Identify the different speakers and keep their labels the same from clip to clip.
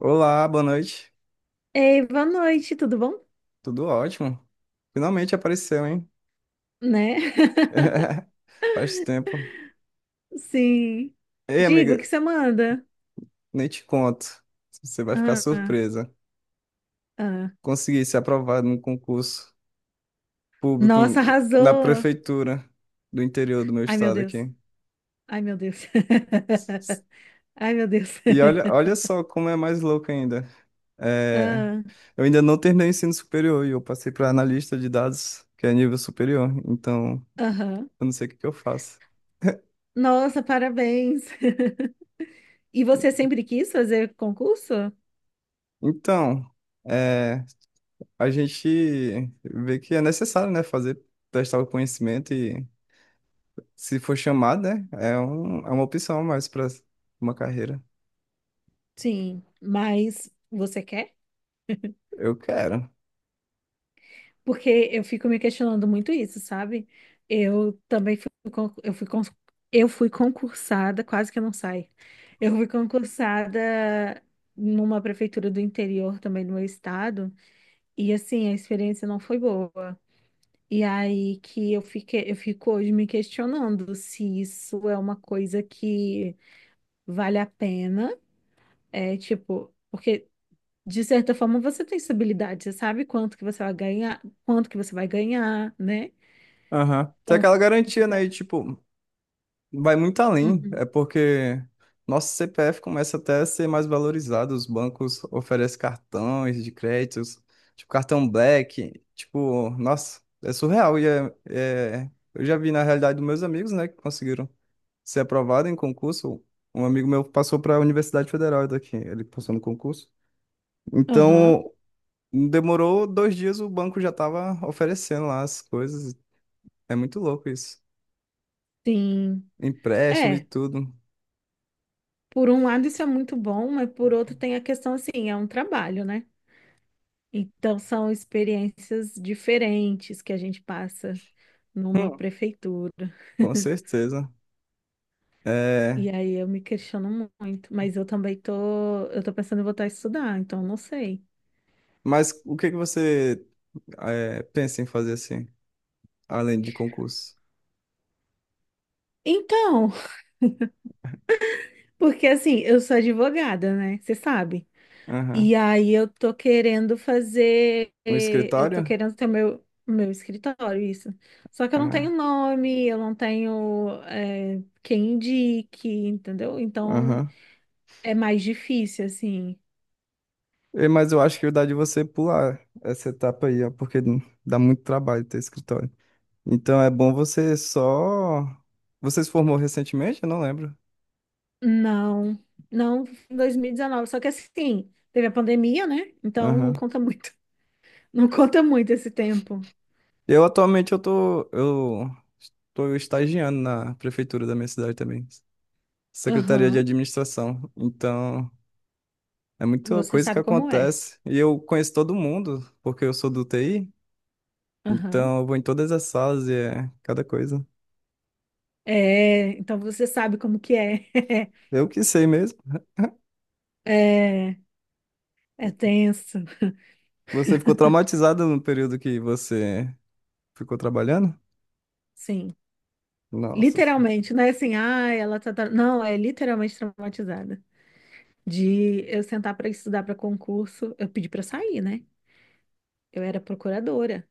Speaker 1: Olá, boa noite.
Speaker 2: Ei, boa noite, tudo bom?
Speaker 1: Tudo ótimo. Finalmente apareceu, hein?
Speaker 2: Né?
Speaker 1: Faz tempo.
Speaker 2: Sim.
Speaker 1: Ei,
Speaker 2: Digo,
Speaker 1: amiga,
Speaker 2: o que você manda?
Speaker 1: nem te conto. Você vai ficar
Speaker 2: Ah,
Speaker 1: surpresa.
Speaker 2: ah.
Speaker 1: Consegui ser aprovado no concurso público
Speaker 2: Nossa,
Speaker 1: na
Speaker 2: arrasou!
Speaker 1: prefeitura do interior do meu
Speaker 2: Ai, meu
Speaker 1: estado
Speaker 2: Deus.
Speaker 1: aqui.
Speaker 2: Ai, meu Deus. Ai, meu Deus.
Speaker 1: E olha só como é mais louco ainda. É,
Speaker 2: Ah,
Speaker 1: eu ainda não terminei o ensino superior e eu passei para analista de dados, que é nível superior. Então,
Speaker 2: aham.
Speaker 1: eu não sei o que que eu faço.
Speaker 2: Nossa, parabéns. E você sempre quis fazer concurso?
Speaker 1: Então, é, a gente vê que é necessário, né, fazer, testar o conhecimento e se for chamado, né, é uma opção a mais para uma carreira.
Speaker 2: Sim. Mas você quer?
Speaker 1: Eu quero.
Speaker 2: Porque eu fico me questionando muito isso, sabe? Eu também fui concursada, quase que eu não saio. Eu fui concursada numa prefeitura do interior também do meu estado, e assim, a experiência não foi boa. E aí que eu fico hoje me questionando se isso é uma coisa que vale a pena, é tipo, porque de certa forma você tem estabilidade, você sabe quanto que você vai ganhar, quanto que você vai ganhar, né?
Speaker 1: Aham. Tem
Speaker 2: Então,
Speaker 1: aquela
Speaker 2: de
Speaker 1: garantia, né, e
Speaker 2: certa-
Speaker 1: tipo, vai muito além,
Speaker 2: Uhum.
Speaker 1: é porque nosso CPF começa até a ser mais valorizado, os bancos oferecem cartões de créditos, tipo cartão Black, tipo, nossa, é surreal e eu já vi na realidade dos meus amigos, né, que conseguiram ser aprovado em concurso, um amigo meu passou para a Universidade Federal daqui, ele passou no concurso.
Speaker 2: Aham,
Speaker 1: Então, demorou dois dias, o banco já estava oferecendo lá as coisas. É muito louco isso.
Speaker 2: sim.
Speaker 1: Empréstimo e
Speaker 2: É,
Speaker 1: tudo.
Speaker 2: por um lado isso é muito bom, mas por outro tem a questão assim, é um trabalho, né? Então são experiências diferentes que a gente passa numa
Speaker 1: Hum.
Speaker 2: prefeitura.
Speaker 1: Com certeza.
Speaker 2: E
Speaker 1: É,
Speaker 2: aí eu me questiono muito, mas eu tô pensando em voltar a estudar, então eu não sei.
Speaker 1: mas o que que você pensa em fazer assim, além de concurso?
Speaker 2: Então, porque assim, eu sou advogada, né? Você sabe.
Speaker 1: Aham.
Speaker 2: E aí
Speaker 1: Um
Speaker 2: eu tô
Speaker 1: escritório?
Speaker 2: querendo ter o meu escritório, isso. Só que eu não tenho
Speaker 1: Ah,
Speaker 2: nome, eu não tenho é, quem indique, entendeu? Então
Speaker 1: aham.
Speaker 2: é mais difícil, assim.
Speaker 1: Mas eu acho que dá de você pular essa etapa aí, ó, porque dá muito trabalho ter escritório. Então é bom você só. Você se formou recentemente? Eu não lembro.
Speaker 2: Não, não em 2019. Só que assim, teve a pandemia, né? Então não
Speaker 1: Aham.
Speaker 2: conta muito. Não conta muito esse tempo.
Speaker 1: Eu atualmente eu tô estagiando na prefeitura da minha cidade também. Secretaria de
Speaker 2: Aham.
Speaker 1: Administração. Então, é muita
Speaker 2: Você
Speaker 1: coisa que
Speaker 2: sabe como é.
Speaker 1: acontece. E eu conheço todo mundo, porque eu sou do TI.
Speaker 2: Aham.
Speaker 1: Então, eu vou em todas as salas e é cada coisa.
Speaker 2: É, então você sabe como que é.
Speaker 1: Eu que sei mesmo.
Speaker 2: É, é tenso.
Speaker 1: Você ficou traumatizado no período que você ficou trabalhando?
Speaker 2: Sim.
Speaker 1: Nossa.
Speaker 2: Literalmente, não é assim, ah, ela tá. tra-" Não, é literalmente traumatizada. De eu sentar para estudar para concurso, eu pedi para sair, né? Eu era procuradora,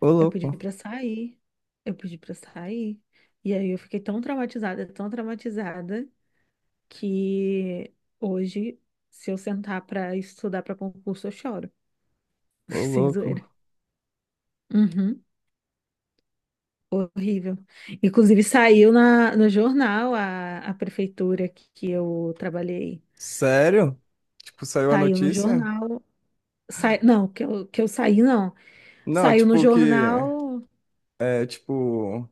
Speaker 1: Ô,
Speaker 2: eu pedi
Speaker 1: louco.
Speaker 2: para sair, eu pedi para sair. E aí eu fiquei tão traumatizada, que hoje, se eu sentar para estudar para concurso, eu choro,
Speaker 1: Ô,
Speaker 2: sem
Speaker 1: louco.
Speaker 2: zoeira. Uhum. Horrível. Inclusive, saiu no jornal a prefeitura que eu trabalhei.
Speaker 1: Sério? Tipo, saiu a
Speaker 2: Saiu no
Speaker 1: notícia?
Speaker 2: jornal. Sai... Não, que eu saí, não.
Speaker 1: Não,
Speaker 2: Saiu no
Speaker 1: tipo que
Speaker 2: jornal.
Speaker 1: é tipo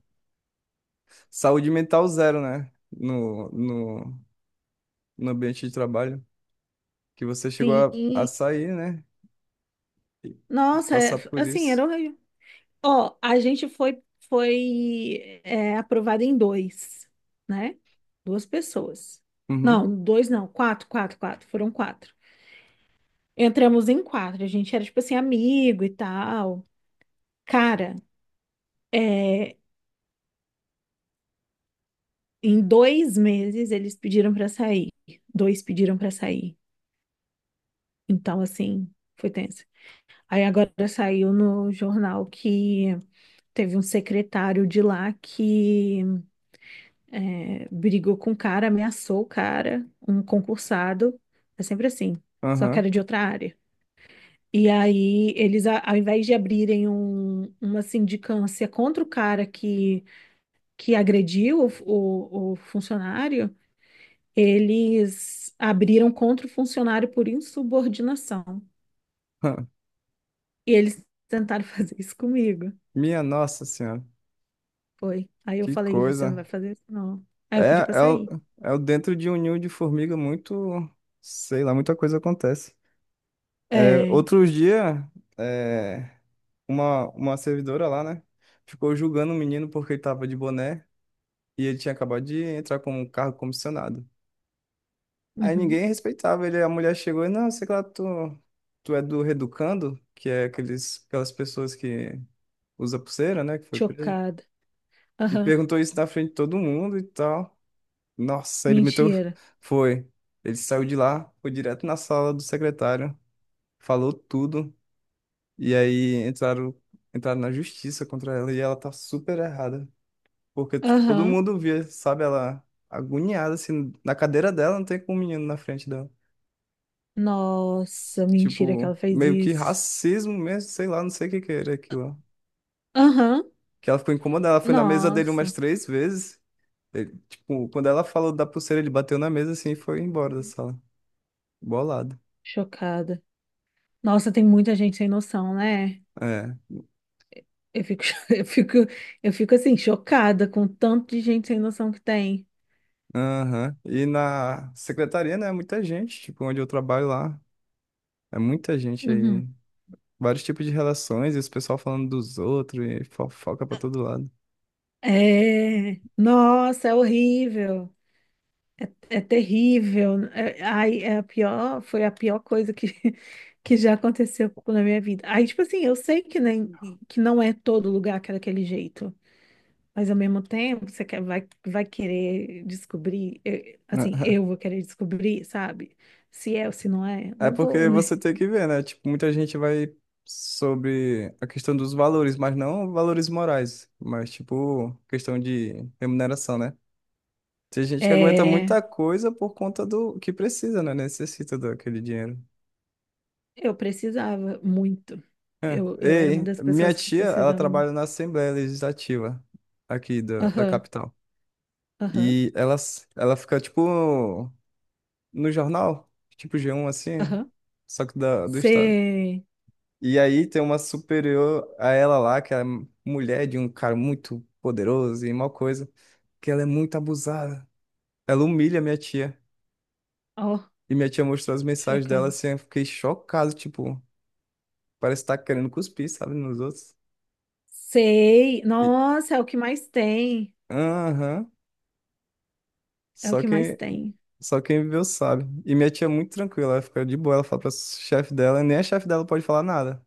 Speaker 1: saúde mental zero, né? No, no ambiente de trabalho. Que você chegou a
Speaker 2: Sim.
Speaker 1: sair, né? E
Speaker 2: Nossa, é-
Speaker 1: passar por
Speaker 2: assim,
Speaker 1: isso.
Speaker 2: era horrível. Ó, a gente foi, foi é, aprovado em dois, né? Duas pessoas.
Speaker 1: Uhum.
Speaker 2: Não, dois não, quatro, quatro, quatro. Foram quatro. Entramos em quatro. A gente era, tipo assim, amigo e tal. Cara, é, em dois meses eles pediram pra sair. Dois pediram pra sair. Então, assim, foi tenso. Aí agora saiu no jornal que teve um secretário de lá que é, brigou com o cara, ameaçou o cara, um concursado. É sempre assim, só que
Speaker 1: Aham.
Speaker 2: era de outra área. E aí eles, ao invés de abrirem uma sindicância contra o cara que agrediu o, o funcionário, eles abriram contra o funcionário por insubordinação.
Speaker 1: hã.
Speaker 2: E eles tentaram fazer isso comigo.
Speaker 1: Minha nossa senhora.
Speaker 2: Foi. Aí eu
Speaker 1: Que
Speaker 2: falei, você não vai
Speaker 1: coisa.
Speaker 2: fazer isso, não. Aí eu pedi
Speaker 1: É,
Speaker 2: pra
Speaker 1: é, o-
Speaker 2: sair.
Speaker 1: é o dentro de um ninho de formiga muito, sei lá, muita coisa acontece. É,
Speaker 2: É.
Speaker 1: outros dias, é, uma servidora lá, né? Ficou julgando o menino porque ele tava de boné. E ele tinha acabado de entrar com um cargo comissionado. Aí
Speaker 2: Uhum.
Speaker 1: ninguém respeitava ele. A mulher chegou e, não, sei lá, tu é do Reeducando, que é aquelas pessoas que usa pulseira, né, que foi preso.
Speaker 2: Chocada.
Speaker 1: E
Speaker 2: Aham.
Speaker 1: perguntou isso na frente de todo mundo e tal. Nossa, ele meteu.
Speaker 2: Mentira.
Speaker 1: Foi. Ele saiu de lá, foi direto na sala do secretário, falou tudo. E aí entraram na justiça contra ela e ela tá super errada. Porque, tipo, todo
Speaker 2: Aham.
Speaker 1: mundo via, sabe? Ela agoniada, assim, na cadeira dela, não tem com o menino na frente dela.
Speaker 2: Nossa, mentira que
Speaker 1: Tipo,
Speaker 2: ela fez
Speaker 1: meio que
Speaker 2: isso.
Speaker 1: racismo mesmo, sei lá, não sei o que que era aquilo.
Speaker 2: Aham.
Speaker 1: Que ela ficou incomodada, ela foi na mesa dele umas
Speaker 2: Nossa.
Speaker 1: três vezes. Ele, tipo, quando ela falou da pulseira, ele bateu na mesa assim e foi embora da sala. Bolado.
Speaker 2: Chocada. Nossa, tem muita gente sem noção, né?
Speaker 1: É.
Speaker 2: Eu fico, eu fico, eu fico assim, chocada com o tanto de gente sem noção que tem.
Speaker 1: Aham. E na secretaria, né? Muita gente, tipo, onde eu trabalho lá. É muita gente aí.
Speaker 2: Uhum.
Speaker 1: Vários tipos de relações, e os pessoal falando dos outros, e fofoca pra todo lado.
Speaker 2: É. Nossa, é horrível. É terrível. Né? É, ai, é a pior, foi a pior coisa que, que já aconteceu na minha vida. Aí, tipo assim, eu sei que, nem, que não é todo lugar que é daquele jeito, mas ao mesmo tempo você quer, vai querer descobrir, assim, eu vou querer descobrir, sabe? Se é ou se não é,
Speaker 1: É
Speaker 2: não vou,
Speaker 1: porque
Speaker 2: né?
Speaker 1: você tem que ver, né? Tipo, muita gente vai sobre a questão dos valores, mas não valores morais, mas tipo, questão de remuneração, né? Tem gente que aguenta
Speaker 2: É,
Speaker 1: muita coisa por conta do que precisa, né? Necessita daquele dinheiro.
Speaker 2: eu precisava muito.
Speaker 1: É.
Speaker 2: Eu era uma
Speaker 1: Ei,
Speaker 2: das
Speaker 1: minha
Speaker 2: pessoas que
Speaker 1: tia, ela
Speaker 2: precisava
Speaker 1: trabalha
Speaker 2: muito.
Speaker 1: na Assembleia Legislativa aqui da
Speaker 2: Aham,
Speaker 1: capital.
Speaker 2: aham,
Speaker 1: E ela fica, tipo, no jornal, tipo G1, assim,
Speaker 2: aham.
Speaker 1: só que do estado.
Speaker 2: Você.
Speaker 1: E aí tem uma superior a ela lá, que é mulher de um cara muito poderoso e mal coisa, que ela é muito abusada. Ela humilha minha tia.
Speaker 2: Ó,
Speaker 1: E minha tia mostrou as mensagens dela
Speaker 2: chocada.
Speaker 1: assim, eu fiquei chocado, tipo, parece estar querendo cuspir, sabe, nos outros.
Speaker 2: Sei.
Speaker 1: E
Speaker 2: Nossa, é o que mais tem.
Speaker 1: aham,
Speaker 2: É o
Speaker 1: só
Speaker 2: que mais
Speaker 1: quem
Speaker 2: tem.
Speaker 1: só quem viveu sabe. E minha tia é muito tranquila, ela fica de boa, ela fala pra chefe dela, nem a chefe dela pode falar nada,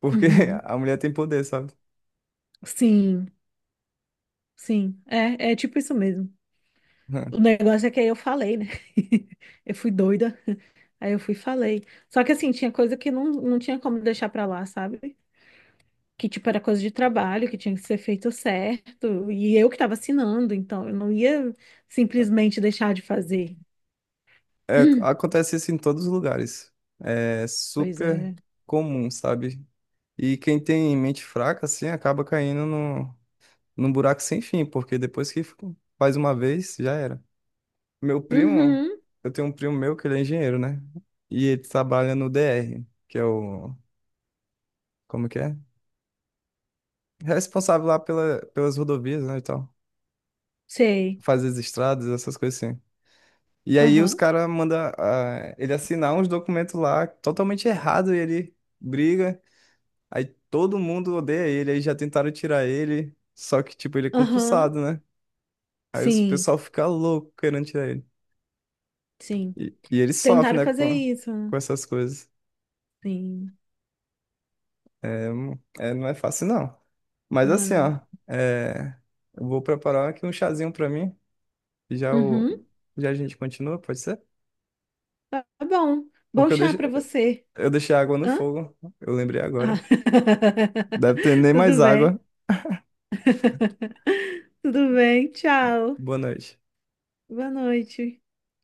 Speaker 1: porque
Speaker 2: Uhum.
Speaker 1: a mulher tem poder, sabe?
Speaker 2: Sim, sim. É, é tipo isso mesmo. O negócio é que aí eu falei, né? Eu fui doida. Aí eu fui e falei. Só que assim, tinha coisa que não tinha como deixar pra lá, sabe? Que tipo era coisa de trabalho, que tinha que ser feito certo. E eu que tava assinando, então eu não ia simplesmente deixar de fazer.
Speaker 1: É, acontece isso em todos os lugares. É
Speaker 2: Pois
Speaker 1: super
Speaker 2: é.
Speaker 1: comum, sabe? E quem tem mente fraca, assim, acaba caindo no, num buraco sem fim, porque depois que faz uma vez, já era. Meu primo,
Speaker 2: Uhum.
Speaker 1: eu tenho um primo meu que ele é engenheiro, né? E ele trabalha no DR, que é o, como que é? Responsável lá pelas rodovias, né, e tal.
Speaker 2: Sei.
Speaker 1: Faz as estradas, essas coisas assim. E aí os
Speaker 2: Aham.
Speaker 1: caras mandam ele assinar uns documentos lá totalmente errado e ele briga. Aí todo mundo odeia ele, aí já tentaram tirar ele, só que, tipo, ele é
Speaker 2: Aham.
Speaker 1: concursado, né? Aí o
Speaker 2: Sim.
Speaker 1: pessoal fica louco querendo tirar ele.
Speaker 2: Sim.
Speaker 1: E ele sofre,
Speaker 2: Tentaram
Speaker 1: né,
Speaker 2: fazer isso.
Speaker 1: com essas coisas.
Speaker 2: Sim.
Speaker 1: Não é fácil, não. Mas
Speaker 2: Não é
Speaker 1: assim,
Speaker 2: não.
Speaker 1: ó, é, eu vou preparar aqui um chazinho pra mim, e já, o,
Speaker 2: Uhum.
Speaker 1: já a gente continua, pode ser?
Speaker 2: Tá bom. Bom
Speaker 1: Porque
Speaker 2: chá pra você.
Speaker 1: eu deixei a água no
Speaker 2: Hã?
Speaker 1: fogo, eu lembrei
Speaker 2: Ah.
Speaker 1: agora. Deve ter nem mais
Speaker 2: Tudo bem.
Speaker 1: água.
Speaker 2: Tudo bem. Tchau.
Speaker 1: Boa noite.
Speaker 2: Boa noite.